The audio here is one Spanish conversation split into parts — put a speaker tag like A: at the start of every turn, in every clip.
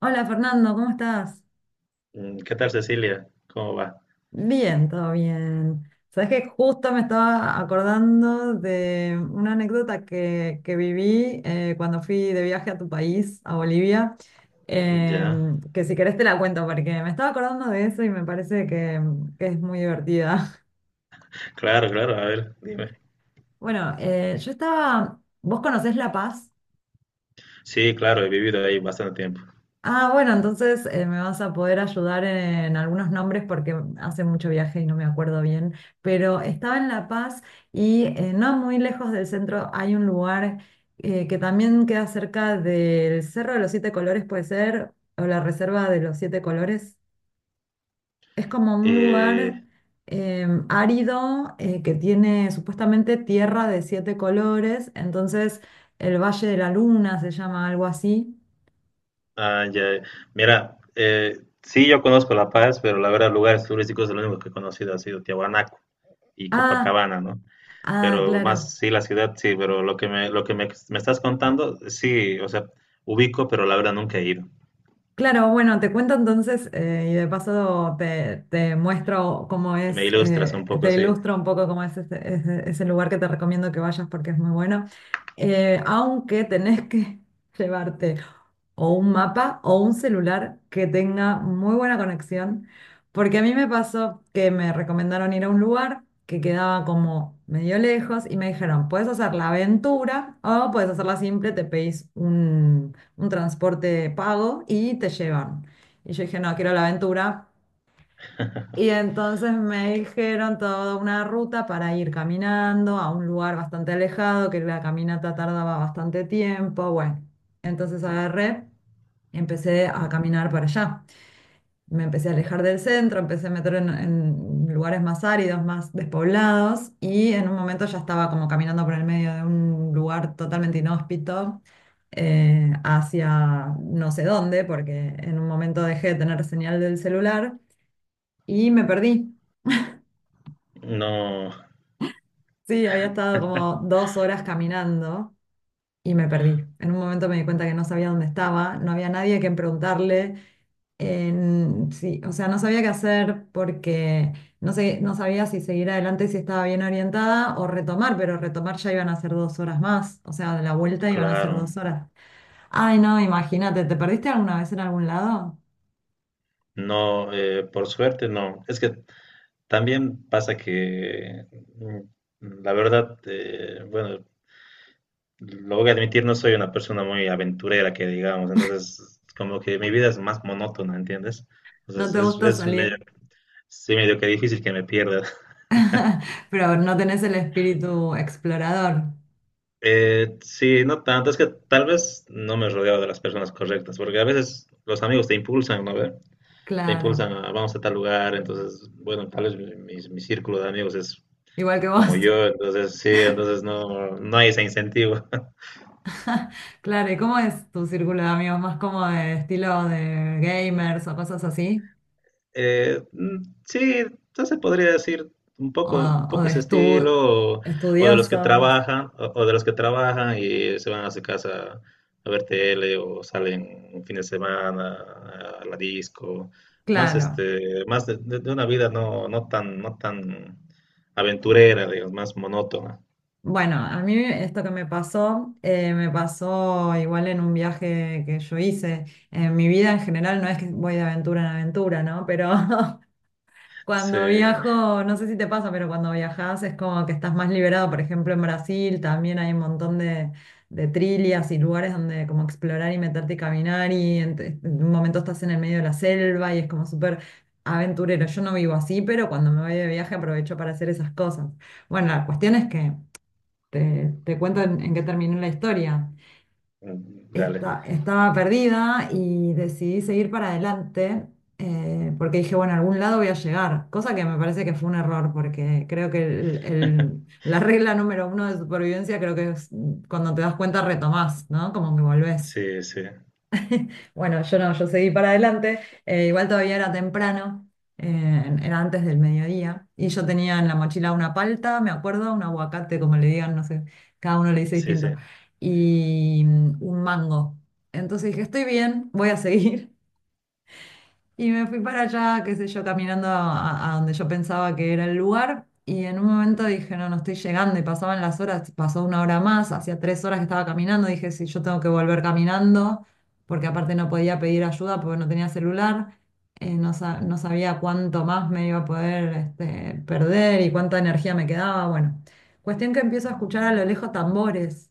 A: Hola Fernando, ¿cómo estás?
B: ¿Qué tal, Cecilia? ¿Cómo va?
A: Bien, todo bien. Sabes que justo me estaba acordando de una anécdota que viví, cuando fui de viaje a tu país, a Bolivia,
B: Ya,
A: que si querés te la cuento porque me estaba acordando de eso y me parece que es muy divertida.
B: claro, claro, a ver, dime.
A: Bueno, yo estaba, ¿vos conocés La Paz?
B: Sí, claro, he vivido ahí bastante tiempo.
A: Ah, bueno, entonces, me vas a poder ayudar en algunos nombres porque hace mucho viaje y no me acuerdo bien, pero estaba en La Paz y, no muy lejos del centro hay un lugar, que también queda cerca del Cerro de los Siete Colores, puede ser, o la Reserva de los Siete Colores. Es como un lugar
B: Eh,
A: árido, que tiene supuestamente tierra de siete colores, entonces el Valle de la Luna se llama algo así.
B: ya, mira, sí, yo conozco La Paz, pero la verdad, lugares turísticos, lo único que he conocido ha sido Tiahuanaco y
A: Ah,
B: Copacabana, ¿no?
A: ah,
B: Pero
A: claro.
B: más, sí, la ciudad, sí, pero me estás contando, sí, o sea, ubico, pero la verdad nunca he ido.
A: Claro, bueno, te cuento entonces, y de paso te muestro cómo
B: Me
A: es,
B: ilustras un poco,
A: te
B: sí.
A: ilustro un poco cómo es ese lugar que te recomiendo que vayas porque es muy bueno. Aunque tenés que llevarte o un mapa o un celular que tenga muy buena conexión, porque a mí me pasó que me recomendaron ir a un lugar que quedaba como medio lejos y me dijeron, puedes hacer la aventura o puedes hacerla simple, te pedís un transporte pago y te llevan. Y yo dije, no, quiero la aventura. Y entonces me dijeron toda una ruta para ir caminando a un lugar bastante alejado, que la caminata tardaba bastante tiempo. Bueno, entonces agarré, empecé a caminar para allá. Me empecé a alejar del centro, empecé a meter en, lugares más áridos, más despoblados, y en un momento ya estaba como caminando por el medio de un lugar totalmente inhóspito, hacia no sé dónde, porque en un momento dejé de tener señal del celular y me perdí.
B: No,
A: Sí, había estado como 2 horas caminando y me perdí. En un momento me di cuenta que no sabía dónde estaba, no había nadie a quien preguntarle. Sí, o sea, no sabía qué hacer porque no sé, no sabía si seguir adelante, si estaba bien orientada o retomar, pero retomar ya iban a ser 2 horas más, o sea, de la vuelta iban a ser
B: claro,
A: dos horas. Ay, no, imagínate, ¿te perdiste alguna vez en algún lado?
B: no, por suerte, no. Es que también pasa que, la verdad, bueno, lo voy a admitir, no soy una persona muy aventurera que digamos, entonces como que mi vida es más monótona, ¿entiendes?
A: No te gusta
B: Es medio,
A: salir,
B: sí, medio que difícil que me pierda.
A: pero no tenés el espíritu explorador,
B: Sí, no tanto, es que tal vez no me he rodeado de las personas correctas, porque a veces los amigos te impulsan, ¿no? ¿Ve? Te impulsan
A: claro,
B: a vamos a tal lugar, entonces, bueno, tal vez mi círculo de amigos es
A: igual que
B: como
A: vos.
B: yo, entonces sí, entonces no, no hay ese incentivo.
A: Claro, ¿y cómo es tu círculo de amigos? ¿Más como de estilo de gamers o cosas así?
B: Sí, entonces podría decir
A: ¿O,
B: un
A: o
B: poco
A: de
B: ese
A: estu-
B: estilo, o de los que
A: estudiosos?
B: trabajan, o de los que trabajan y se van a su casa a ver tele, o salen un fin de semana a la disco, más
A: Claro.
B: este, de una vida no tan, no tan aventurera, digamos, más monótona.
A: Bueno, a mí esto que me pasó igual en un viaje que yo hice. En mi vida en general no es que voy de aventura en aventura, ¿no? Pero
B: Sí,
A: cuando viajo, no sé si te pasa, pero cuando viajas es como que estás más liberado. Por ejemplo, en Brasil también hay un montón de, trilhas y lugares donde como explorar y meterte y caminar y en un momento estás en el medio de la selva y es como súper aventurero. Yo no vivo así, pero cuando me voy de viaje aprovecho para hacer esas cosas. Bueno, la cuestión es que te cuento en qué terminó la historia.
B: mm, dale,
A: Estaba perdida y decidí seguir para adelante, porque dije, bueno, a algún lado voy a llegar, cosa que me parece que fue un error porque creo que la regla número uno de supervivencia creo que es, cuando te das cuenta retomás, ¿no? Como que volvés.
B: sí, sí,
A: Bueno, yo no, yo seguí para adelante. Igual todavía era temprano, era antes del mediodía. Y yo tenía en la mochila una palta, me acuerdo, un aguacate, como le digan, no sé, cada uno le dice
B: sí, sí.
A: distinto, y, un mango. Entonces dije, estoy bien, voy a seguir. Y me fui para allá, qué sé yo, caminando a, donde yo pensaba que era el lugar. Y en un momento dije, no, no estoy llegando. Y pasaban las horas, pasó una hora más, hacía 3 horas que estaba caminando. Dije, sí, yo tengo que volver caminando, porque aparte no podía pedir ayuda porque no tenía celular. No, no sabía cuánto más me iba a poder, perder y cuánta energía me quedaba. Bueno, cuestión que empiezo a escuchar a lo lejos tambores.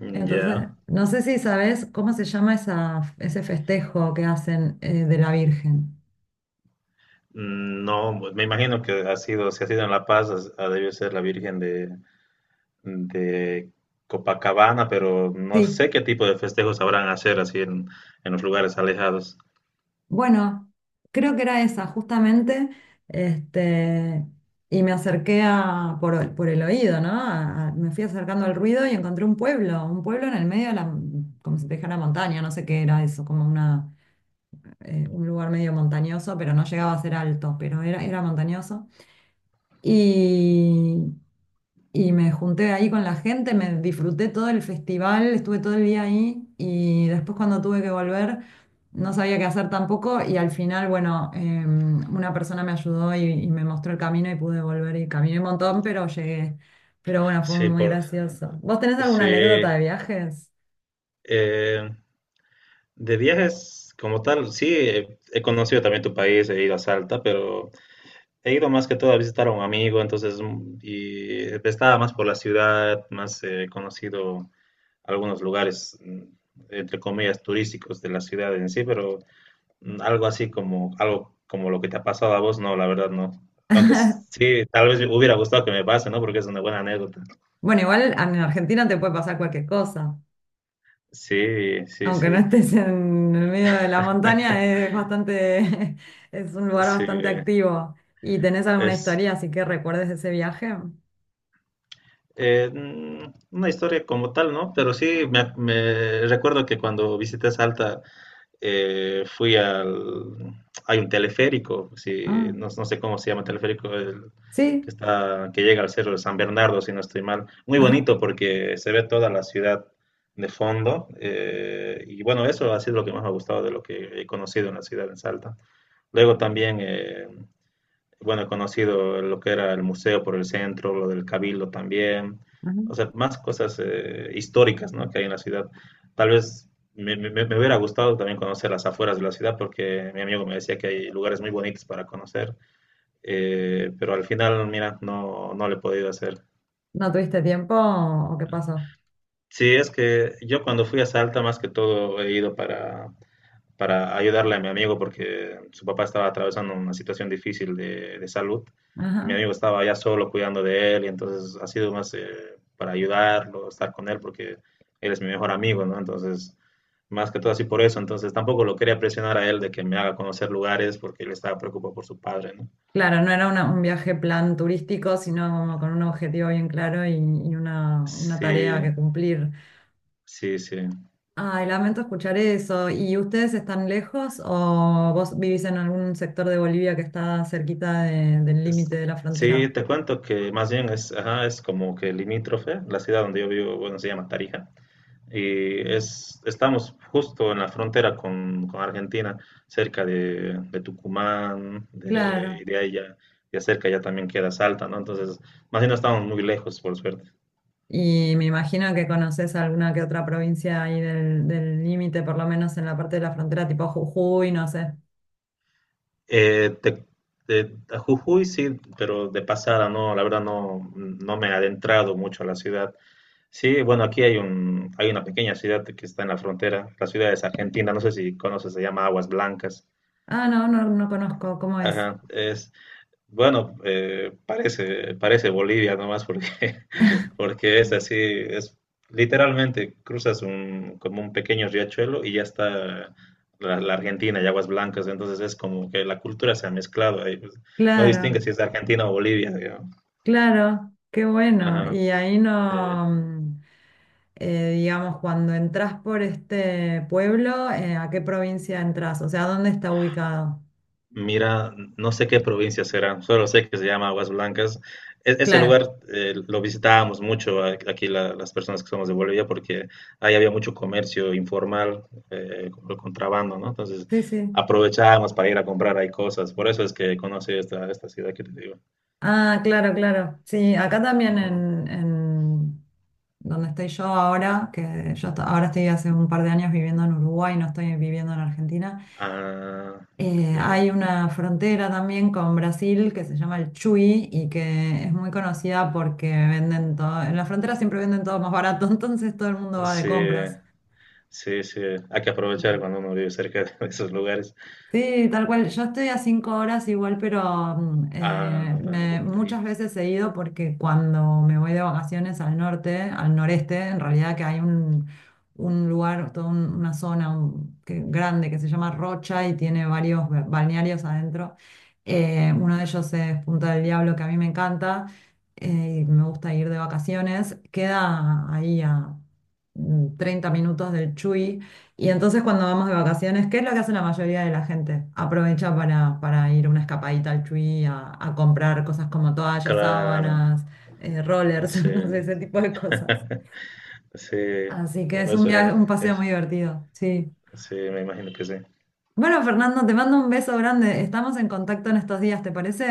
B: Mm, ya.
A: Entonces, no sé si sabes cómo se llama ese festejo que hacen, de la Virgen.
B: Mm, no, pues me imagino que ha sido, si ha sido en La Paz, ha debido ser la Virgen de Copacabana, pero no
A: Sí,
B: sé qué tipo de festejos sabrán hacer así en los lugares alejados.
A: bueno, creo que era esa justamente, este, y me acerqué por el oído, ¿no? Me fui acercando al ruido y encontré un pueblo en el medio de la, como si te dijera montaña, no sé qué era eso, como un lugar medio montañoso, pero no llegaba a ser alto, pero era montañoso. Y me junté ahí con la gente, me disfruté todo el festival, estuve todo el día ahí y después cuando tuve que volver no sabía qué hacer tampoco y al final, bueno, una persona me ayudó y me mostró el camino y pude volver y caminé un montón, pero llegué. Pero bueno, fue
B: Sí,
A: muy
B: por,
A: gracioso. ¿Vos tenés alguna
B: sí.
A: anécdota de viajes?
B: eh, de viajes como tal, sí, he conocido también tu país, he ido a Salta, pero he ido más que todo a visitar a un amigo, entonces, y estaba más por la ciudad, más conocido algunos lugares, entre comillas, turísticos de la ciudad en sí, pero algo así como, algo como lo que te ha pasado a vos, no, la verdad no. Aunque sí, tal vez me hubiera gustado que me pase, ¿no? Porque es una buena anécdota.
A: Bueno, igual en Argentina te puede pasar cualquier cosa.
B: Sí, sí,
A: Aunque no
B: sí.
A: estés en el medio de la montaña, es bastante, es un lugar
B: Sí,
A: bastante activo. ¿Y tenés alguna
B: es
A: historia así que recuerdes de ese viaje?
B: una historia como tal, ¿no? Pero sí, me recuerdo que cuando visité Salta, fui al... Hay un teleférico, si,
A: Ah,
B: no, no sé cómo se llama teleférico, el que
A: sí,
B: está, que llega al cerro de San Bernardo, si no estoy mal. Muy
A: ajá,
B: bonito porque se ve toda la ciudad de fondo. Y bueno, eso ha sido lo que más me ha gustado de lo que he conocido en la ciudad en Salta. Luego también bueno, he conocido lo que era el museo por el centro, lo del Cabildo también,
A: ajá.
B: o sea, más cosas históricas, ¿no? Que hay en la ciudad. Tal vez me hubiera gustado también conocer las afueras de la ciudad, porque mi amigo me decía que hay lugares muy bonitos para conocer, pero al final, mira, no, no lo he podido hacer.
A: ¿No tuviste tiempo o, qué pasó?
B: Sí, es que yo cuando fui a Salta, más que todo, he ido para ayudarle a mi amigo porque su papá estaba atravesando una situación difícil de salud y mi
A: Ajá.
B: amigo estaba ya solo cuidando de él y entonces ha sido más para ayudarlo, estar con él porque él es mi mejor amigo, ¿no? Entonces, más que todo así por eso, entonces tampoco lo quería presionar a él de que me haga conocer lugares porque él estaba preocupado por su padre, ¿no?
A: Claro, no era un viaje plan turístico, sino como con un objetivo bien claro y una tarea
B: Sí,
A: que cumplir.
B: sí, sí.
A: Ay, lamento escuchar eso. ¿Y ustedes están lejos o vos vivís en algún sector de Bolivia que está cerquita del
B: Es-
A: límite de la
B: sí,
A: frontera?
B: te cuento que más bien es, ajá, es como que limítrofe, la ciudad donde yo vivo, bueno, se llama Tarija. Y es, estamos justo en la frontera con Argentina, cerca de Tucumán, de, y
A: Claro.
B: de ahí ya, ya cerca ya también queda Salta, ¿no? Entonces, más bien no estamos muy lejos, por suerte.
A: Y me imagino que conoces alguna que otra provincia ahí del límite, por lo menos en la parte de la frontera, tipo Jujuy, no sé.
B: Eh, te- de, a Jujuy sí, pero de pasada no, la verdad no, no me he adentrado mucho a la ciudad. Sí, bueno, aquí hay un, hay una pequeña ciudad que está en la frontera, la ciudad es Argentina, no sé si conoces, se llama Aguas Blancas.
A: Ah, no, no, no conozco, ¿cómo es?
B: Ajá, es, bueno, parece, parece Bolivia nomás porque, porque es así, es literalmente cruzas un, como un pequeño riachuelo y ya está la, la Argentina y aguas blancas, entonces es como que la cultura se ha mezclado ahí, pues, no distingue
A: Claro,
B: si es de Argentina o Bolivia, digamos.
A: claro, qué bueno.
B: Ajá,
A: Y ahí
B: sí.
A: no, digamos, cuando entras por este pueblo, ¿a qué provincia entras? O sea, ¿dónde está ubicado?
B: Mira, no sé qué provincia será, solo sé que se llama Aguas Blancas. Ese
A: Claro,
B: lugar lo visitábamos mucho aquí las personas que somos de Bolivia porque ahí había mucho comercio informal, como el contrabando, ¿no? Entonces
A: sí, sí.
B: aprovechábamos para ir a comprar ahí cosas. Por eso es que conocí esta, esta ciudad que te digo.
A: Ah, claro, claro. Sí, acá también
B: Ujú.
A: en, donde estoy yo ahora, que yo ahora estoy hace un par de años viviendo en Uruguay, no estoy viviendo en Argentina,
B: Ah, qué
A: hay
B: bueno.
A: una frontera también con Brasil que se llama el Chuy y que es muy conocida porque venden todo, en la frontera siempre venden todo más barato, entonces todo el mundo va de
B: Sí,
A: compras.
B: sí, sí. Hay que aprovechar cuando uno vive cerca de esos lugares.
A: Sí, tal cual. Yo estoy a 5 horas igual, pero,
B: Ah, tampoco
A: muchas
B: lejitos.
A: veces he ido porque cuando me voy de vacaciones al norte, al noreste, en realidad que hay un lugar, toda una zona grande que se llama Rocha y tiene varios balnearios adentro. Uno de ellos es Punta del Diablo, que a mí me encanta, y me gusta ir de vacaciones. Queda ahí a, 30 minutos del Chuy y entonces cuando vamos de vacaciones, ¿qué es lo que hace la mayoría de la gente? Aprovecha para ir una escapadita al Chuy, a comprar cosas como toallas,
B: Claro.
A: sábanas, rollers,
B: Sí,
A: no sé, ese tipo de cosas.
B: sí,
A: Así que
B: bueno,
A: es un
B: eso
A: viaje, un paseo
B: es,
A: muy divertido, sí.
B: sí, me imagino que sí.
A: Bueno, Fernando, te mando un beso grande. Estamos en contacto en estos días, ¿te parece?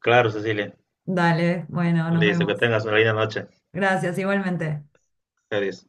B: Claro, Cecilia,
A: Dale, bueno, nos
B: listo, que
A: vemos.
B: tengas una linda noche.
A: Gracias, igualmente.
B: Adiós.